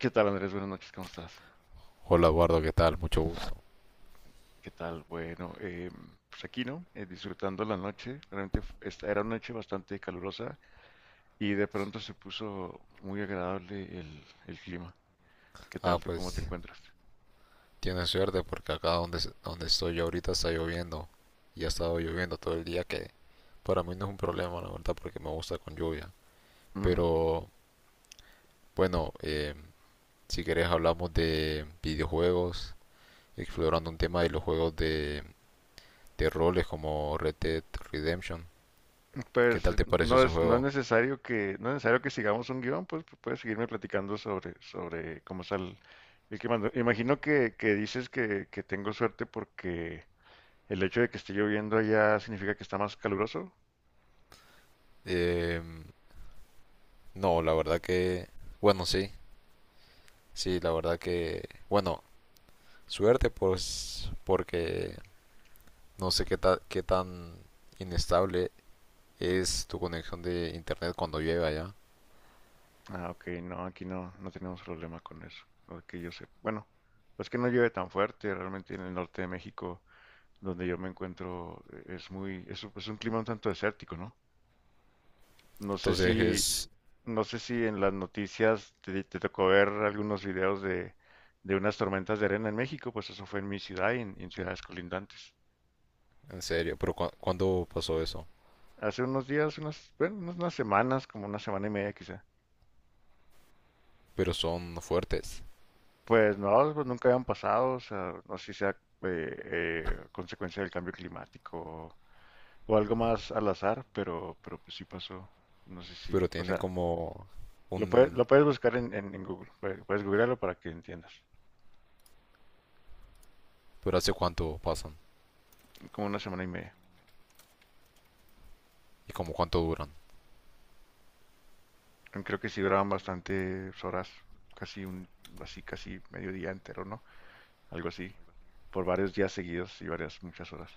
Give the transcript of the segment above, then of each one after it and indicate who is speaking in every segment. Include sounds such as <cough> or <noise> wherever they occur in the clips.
Speaker 1: ¿Qué tal, Andrés? Buenas noches, ¿cómo estás?
Speaker 2: Hola Eduardo, ¿qué tal? Mucho gusto.
Speaker 1: ¿Qué tal? Bueno, pues aquí, ¿no? Disfrutando la noche. Realmente esta era una noche bastante calurosa y de pronto se puso muy agradable el clima. ¿Qué
Speaker 2: Ah,
Speaker 1: tal? ¿Tú cómo te
Speaker 2: pues
Speaker 1: encuentras?
Speaker 2: tienes suerte porque acá donde estoy yo ahorita está lloviendo y ha estado lloviendo todo el día, que para mí no es un problema, la verdad, porque me gusta con lluvia.
Speaker 1: Ujú.
Speaker 2: Pero bueno, si querés hablamos de videojuegos, explorando un tema de los juegos de roles como Red Dead Redemption. ¿Qué
Speaker 1: Pues
Speaker 2: tal te pareció ese
Speaker 1: no es
Speaker 2: juego?
Speaker 1: necesario no es necesario que sigamos un guión, pues puedes seguirme platicando sobre cómo está el clima. No, imagino que dices que tengo suerte porque el hecho de que esté lloviendo allá significa que está más caluroso.
Speaker 2: Eh, no, la verdad que... Bueno, sí, sí, la verdad que... Bueno, suerte pues porque no sé qué, qué tan inestable es tu conexión de internet cuando llueve allá.
Speaker 1: Ah, ok, no, aquí no, no tenemos problema con eso, lo que yo sé. Bueno, es que no llueve tan fuerte, realmente en el norte de México, donde yo me encuentro, es muy, un es un clima un tanto desértico, ¿no? No sé si,
Speaker 2: Entonces es
Speaker 1: no sé si en las noticias te tocó ver algunos videos de unas tormentas de arena en México, pues eso fue en mi ciudad y en ciudades colindantes.
Speaker 2: en serio, pero ¿cuándo pasó eso?
Speaker 1: Hace unos días, unas semanas, como una semana y media quizá.
Speaker 2: Pero son fuertes,
Speaker 1: Pues no, pues nunca habían pasado, o sea, no sé si sea consecuencia del cambio climático o algo más al azar, pero pues sí pasó, no sé si,
Speaker 2: pero
Speaker 1: o
Speaker 2: tienen
Speaker 1: sea,
Speaker 2: como un...
Speaker 1: lo puedes buscar en Google, puedes googlearlo para que entiendas,
Speaker 2: ¿Pero hace cuánto pasan?
Speaker 1: como una semana y media.
Speaker 2: ¿Y como cuánto duran?
Speaker 1: Creo que sí duraban bastantes horas, casi un, casi medio día entero, ¿no? Algo así, por varios días seguidos y muchas horas.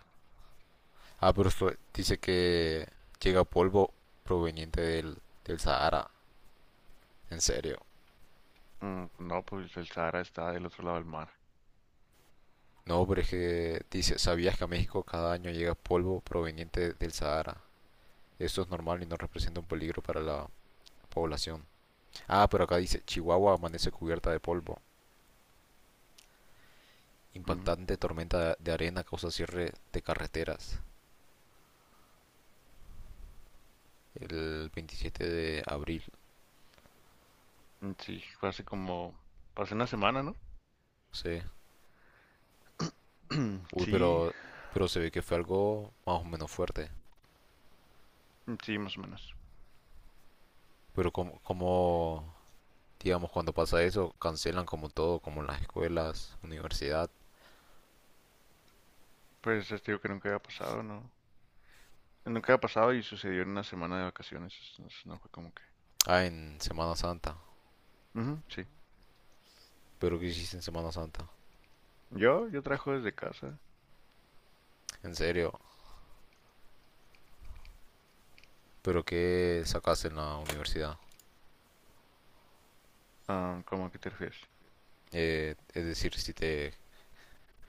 Speaker 2: Ah, pero esto dice que llega polvo proveniente del Sahara. En serio.
Speaker 1: Pues, no, pues el Sahara está del otro lado del mar.
Speaker 2: No, pero es que dice, ¿sabías que a México cada año llega polvo proveniente del Sahara? Esto es normal y no representa un peligro para la población. Ah, pero acá dice, Chihuahua amanece cubierta de polvo.
Speaker 1: Ujú.
Speaker 2: Impactante tormenta de arena causa cierre de carreteras el 27 de abril.
Speaker 1: Mm, sí, fue hace como, pasé una semana, ¿no?
Speaker 2: Sí.
Speaker 1: <clears throat>
Speaker 2: Uy,
Speaker 1: Sí,
Speaker 2: pero se ve que fue algo más o menos fuerte.
Speaker 1: sí, más o menos.
Speaker 2: Pero digamos, cuando pasa eso, cancelan como todo, como en las escuelas, universidad.
Speaker 1: Pues es digo que nunca había pasado, ¿no? Nunca había pasado y sucedió en una semana de vacaciones. Entonces no fue como que.
Speaker 2: Ah, en Semana Santa.
Speaker 1: Ujú, sí.
Speaker 2: Pero ¿qué hiciste en Semana Santa?
Speaker 1: Yo trabajo desde casa.
Speaker 2: En serio. ¿Pero qué sacaste en la universidad?
Speaker 1: Ah, ¿cómo a qué te refieres?
Speaker 2: Es decir, si te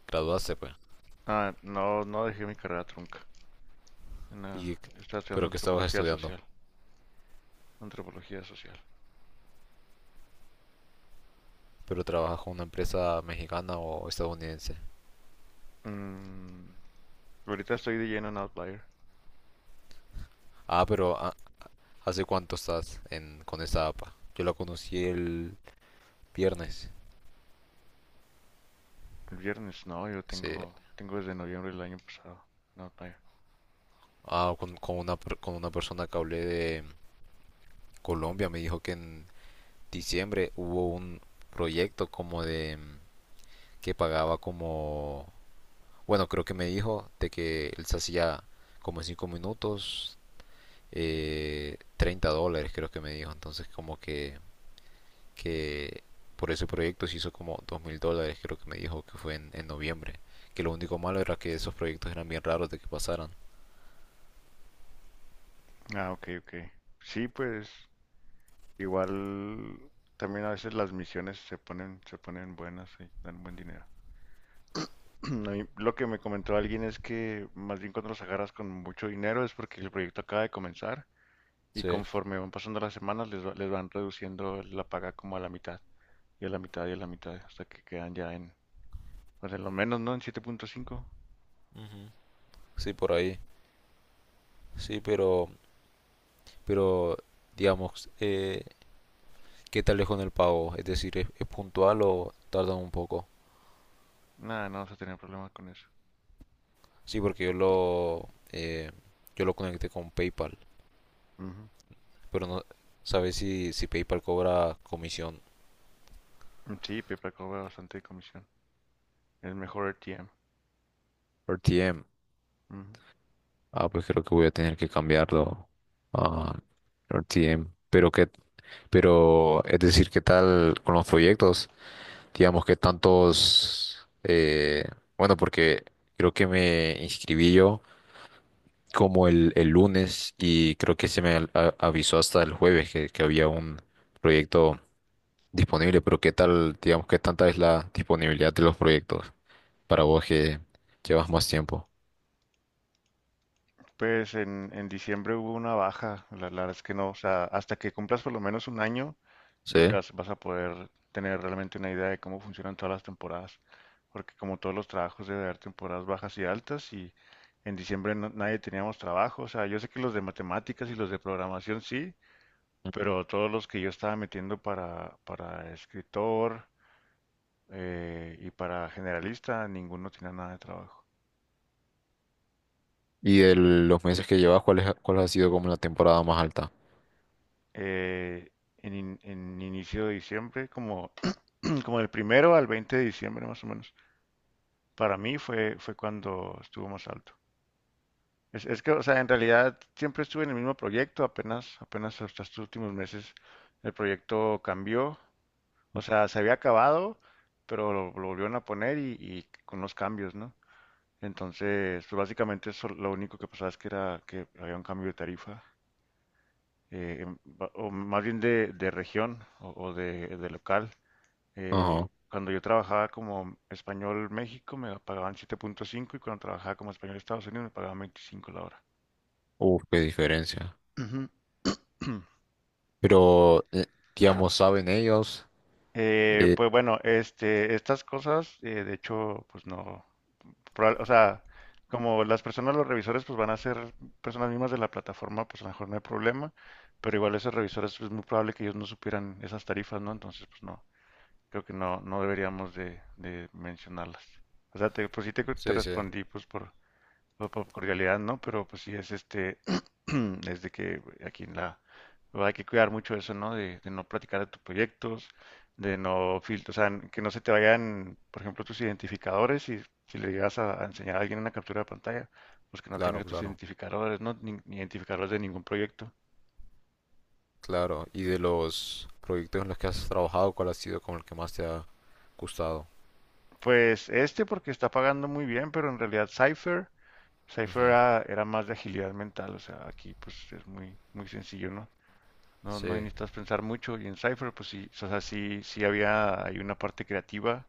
Speaker 2: graduaste, pues.
Speaker 1: Ah, no, no dejé mi carrera trunca. En la-
Speaker 2: Y,
Speaker 1: Estaba estudiando
Speaker 2: pero que estabas
Speaker 1: antropología
Speaker 2: estudiando,
Speaker 1: social. Antropología social.
Speaker 2: pero trabajas con una empresa mexicana o estadounidense.
Speaker 1: Mm, ahorita estoy de lleno en Outlier.
Speaker 2: Ah, pero ah, ¿Hace cuánto estás en, con esta APA? Yo la conocí el viernes.
Speaker 1: El viernes no, yo
Speaker 2: Sí.
Speaker 1: tengo, tengo desde noviembre del año pasado, en Outlier.
Speaker 2: Ah, con una persona que hablé de Colombia, me dijo que en diciembre hubo un proyecto como de que pagaba como, bueno, creo que me dijo de que él se hacía como en 5 minutos, $30 creo que me dijo, entonces como que por ese proyecto se hizo como $2,000, creo que me dijo que fue en noviembre. Que lo único malo era que esos proyectos eran bien raros de que pasaran.
Speaker 1: Ah, ok, ok. Sí, pues. Igual también a veces las misiones se ponen buenas y dan buen dinero. <clears throat> A mí lo que me comentó alguien es que más bien cuando los agarras con mucho dinero es porque el proyecto acaba de comenzar y
Speaker 2: Sí,
Speaker 1: conforme van pasando las semanas les van reduciendo la paga como a la mitad y a la mitad y a la mitad hasta que quedan ya en, pues en lo menos, ¿no? En siete punto cinco.
Speaker 2: ujú, sí, por ahí. Sí, pero digamos, ¿qué tal es con el pago? Es decir, es puntual o tardan un poco?
Speaker 1: Nada, no vas a tener problema con eso.
Speaker 2: Sí, porque yo lo conecté con PayPal,
Speaker 1: Ujú.
Speaker 2: pero no sabes si, si PayPal cobra comisión.
Speaker 1: Sí, PayPal cobra bastante de comisión. Es mejor RTM.
Speaker 2: Por TM. Ah, pues creo que voy a tener que cambiarlo a RTM. Pero que, pero es decir, ¿qué tal con los proyectos? Digamos, ¿qué tantos? Bueno, porque creo que me inscribí yo como el lunes y creo que se me avisó hasta el jueves que había un proyecto disponible. Pero ¿qué tal, digamos, qué tanta es la disponibilidad de los proyectos para vos que llevas más tiempo?
Speaker 1: Pues en diciembre hubo una baja, la verdad es que no, o sea, hasta que cumplas por lo menos un año, yo creo que
Speaker 2: Sí.
Speaker 1: vas, vas a poder tener realmente una idea de cómo funcionan todas las temporadas, porque como todos los trabajos debe haber temporadas bajas y altas y en diciembre nadie teníamos trabajo, o sea, yo sé que los de matemáticas y los de programación sí, pero todos los que yo estaba metiendo para escritor y para generalista, ninguno tenía nada de trabajo.
Speaker 2: Y de los meses que llevas, ¿cuál cuál ha sido como la temporada más alta?
Speaker 1: eh, en, en inicio de diciembre, como, <clears throat> como del primero al 20 de diciembre más o menos. Para mí fue, fue cuando estuvo más alto. Es que, o sea, en realidad siempre estuve en el mismo proyecto, apenas hasta estos últimos meses el proyecto cambió. O sea, se había acabado, pero lo volvieron a poner y con los cambios, ¿no? Entonces, pues básicamente eso, lo único que pasaba es que era que había un cambio de tarifa, o más bien de región o de local.
Speaker 2: Ajá.
Speaker 1: Cuando yo trabajaba como español México me pagaban 7.5 y cuando trabajaba como español Estados Unidos me pagaban 25 la hora.
Speaker 2: Uf, qué diferencia.
Speaker 1: Ujú. <clears throat>
Speaker 2: Pero, digamos, ¿saben ellos? Eh,
Speaker 1: Pues bueno, este, estas cosas, de hecho, pues no, o sea, como las personas, los revisores, pues van a ser personas mismas de la plataforma, pues a lo mejor no hay problema, pero igual esos revisores, pues es muy probable que ellos no supieran esas tarifas, ¿no? Entonces, pues no, creo que no, no deberíamos de mencionarlas. O sea, pues sí te
Speaker 2: sí, sí,
Speaker 1: respondí, pues por cordialidad, ¿no? Pero pues sí es este, <clears throat> es de que aquí en la, hay que cuidar mucho eso, ¿no? De no platicar de tus proyectos, de no filtrar, o sea, que no se te vayan, por ejemplo, tus identificadores y si le llegas a enseñar a alguien una captura de pantalla, pues que no
Speaker 2: claro,
Speaker 1: tenga tus
Speaker 2: claro,
Speaker 1: identificadores, ¿no? Ni identificadores de ningún proyecto.
Speaker 2: claro. Y de los proyectos en los que has trabajado, ¿cuál ha sido como el que más te ha gustado?
Speaker 1: Pues este porque está pagando muy bien, pero en realidad Cypher
Speaker 2: Ujú,
Speaker 1: era más de agilidad mental, o sea, aquí pues es muy, muy sencillo, ¿no? No, no
Speaker 2: sí,
Speaker 1: necesitas pensar mucho. Y en Cypher, pues sí, o sea, sí, sí había hay una parte creativa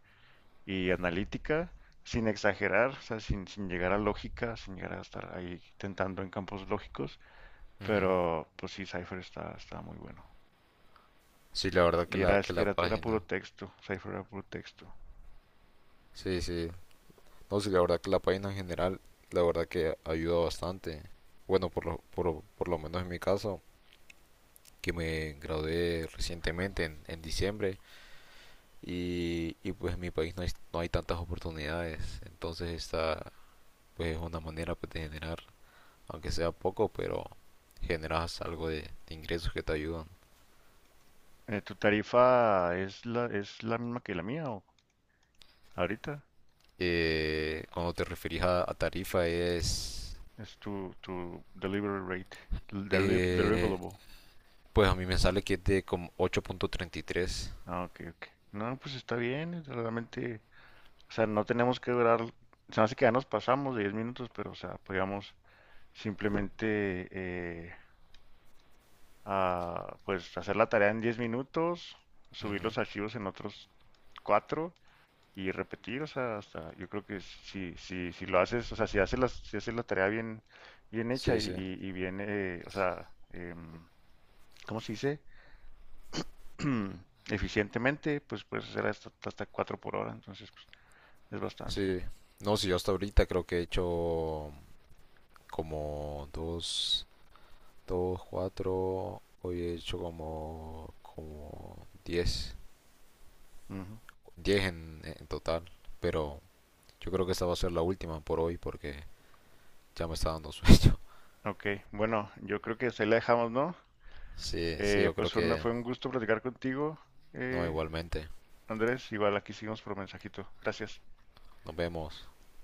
Speaker 1: y analítica, sin exagerar, o sea, sin llegar a lógica, sin llegar a estar ahí tentando en campos lógicos.
Speaker 2: ujú.
Speaker 1: Pero pues sí, Cypher está, está muy bueno.
Speaker 2: Sí, la verdad que la, que
Speaker 1: Es que
Speaker 2: la
Speaker 1: era
Speaker 2: página.
Speaker 1: puro texto, Cypher era puro texto.
Speaker 2: Sí, sí. No, sí, la verdad que la página en general, la verdad que ayuda bastante. Bueno, por lo, por lo menos en mi caso. Que me gradué recientemente en diciembre y, pues en mi país no hay tantas oportunidades, entonces esta pues es una manera pues, de generar, aunque sea poco, pero generas algo de ingresos que te ayudan.
Speaker 1: ¿Tu tarifa es es la misma que la mía o ahorita?
Speaker 2: Cuando te referís a tarifa es,
Speaker 1: Es tu, tu delivery rate,
Speaker 2: eh,
Speaker 1: deliverable.
Speaker 2: pues a mí me sale que es de como 8.33.
Speaker 1: Ah, ok, ok. No, pues está bien, realmente. O sea, no tenemos que durar, se me hace que ya nos pasamos de 10 minutos, pero o sea, podíamos simplemente pues hacer la tarea en 10 minutos, subir
Speaker 2: Ujú.
Speaker 1: los archivos en otros 4 y repetir, o sea, hasta yo creo que si lo haces, o sea, si haces la tarea bien, bien hecha
Speaker 2: Sí, sí,
Speaker 1: y bien, o sea, ¿cómo se dice? <clears throat> Eficientemente, pues puedes hacer hasta, hasta 4 por hora, entonces pues, es bastante.
Speaker 2: sí. No, sí, yo hasta ahorita creo que he hecho como dos. Dos 4 hoy he hecho como, como 10,
Speaker 1: Ujú.
Speaker 2: diez en total, pero yo creo que esta va a ser la última por hoy porque ya me está dando sueño. <laughs>
Speaker 1: Ok, bueno, yo creo que hasta ahí la dejamos, ¿no?
Speaker 2: Sí, sí, yo creo
Speaker 1: Pues
Speaker 2: que
Speaker 1: fue un gusto platicar contigo,
Speaker 2: no,
Speaker 1: eh,
Speaker 2: igualmente.
Speaker 1: Andrés. Igual aquí seguimos por mensajito. Gracias.
Speaker 2: Nos vemos.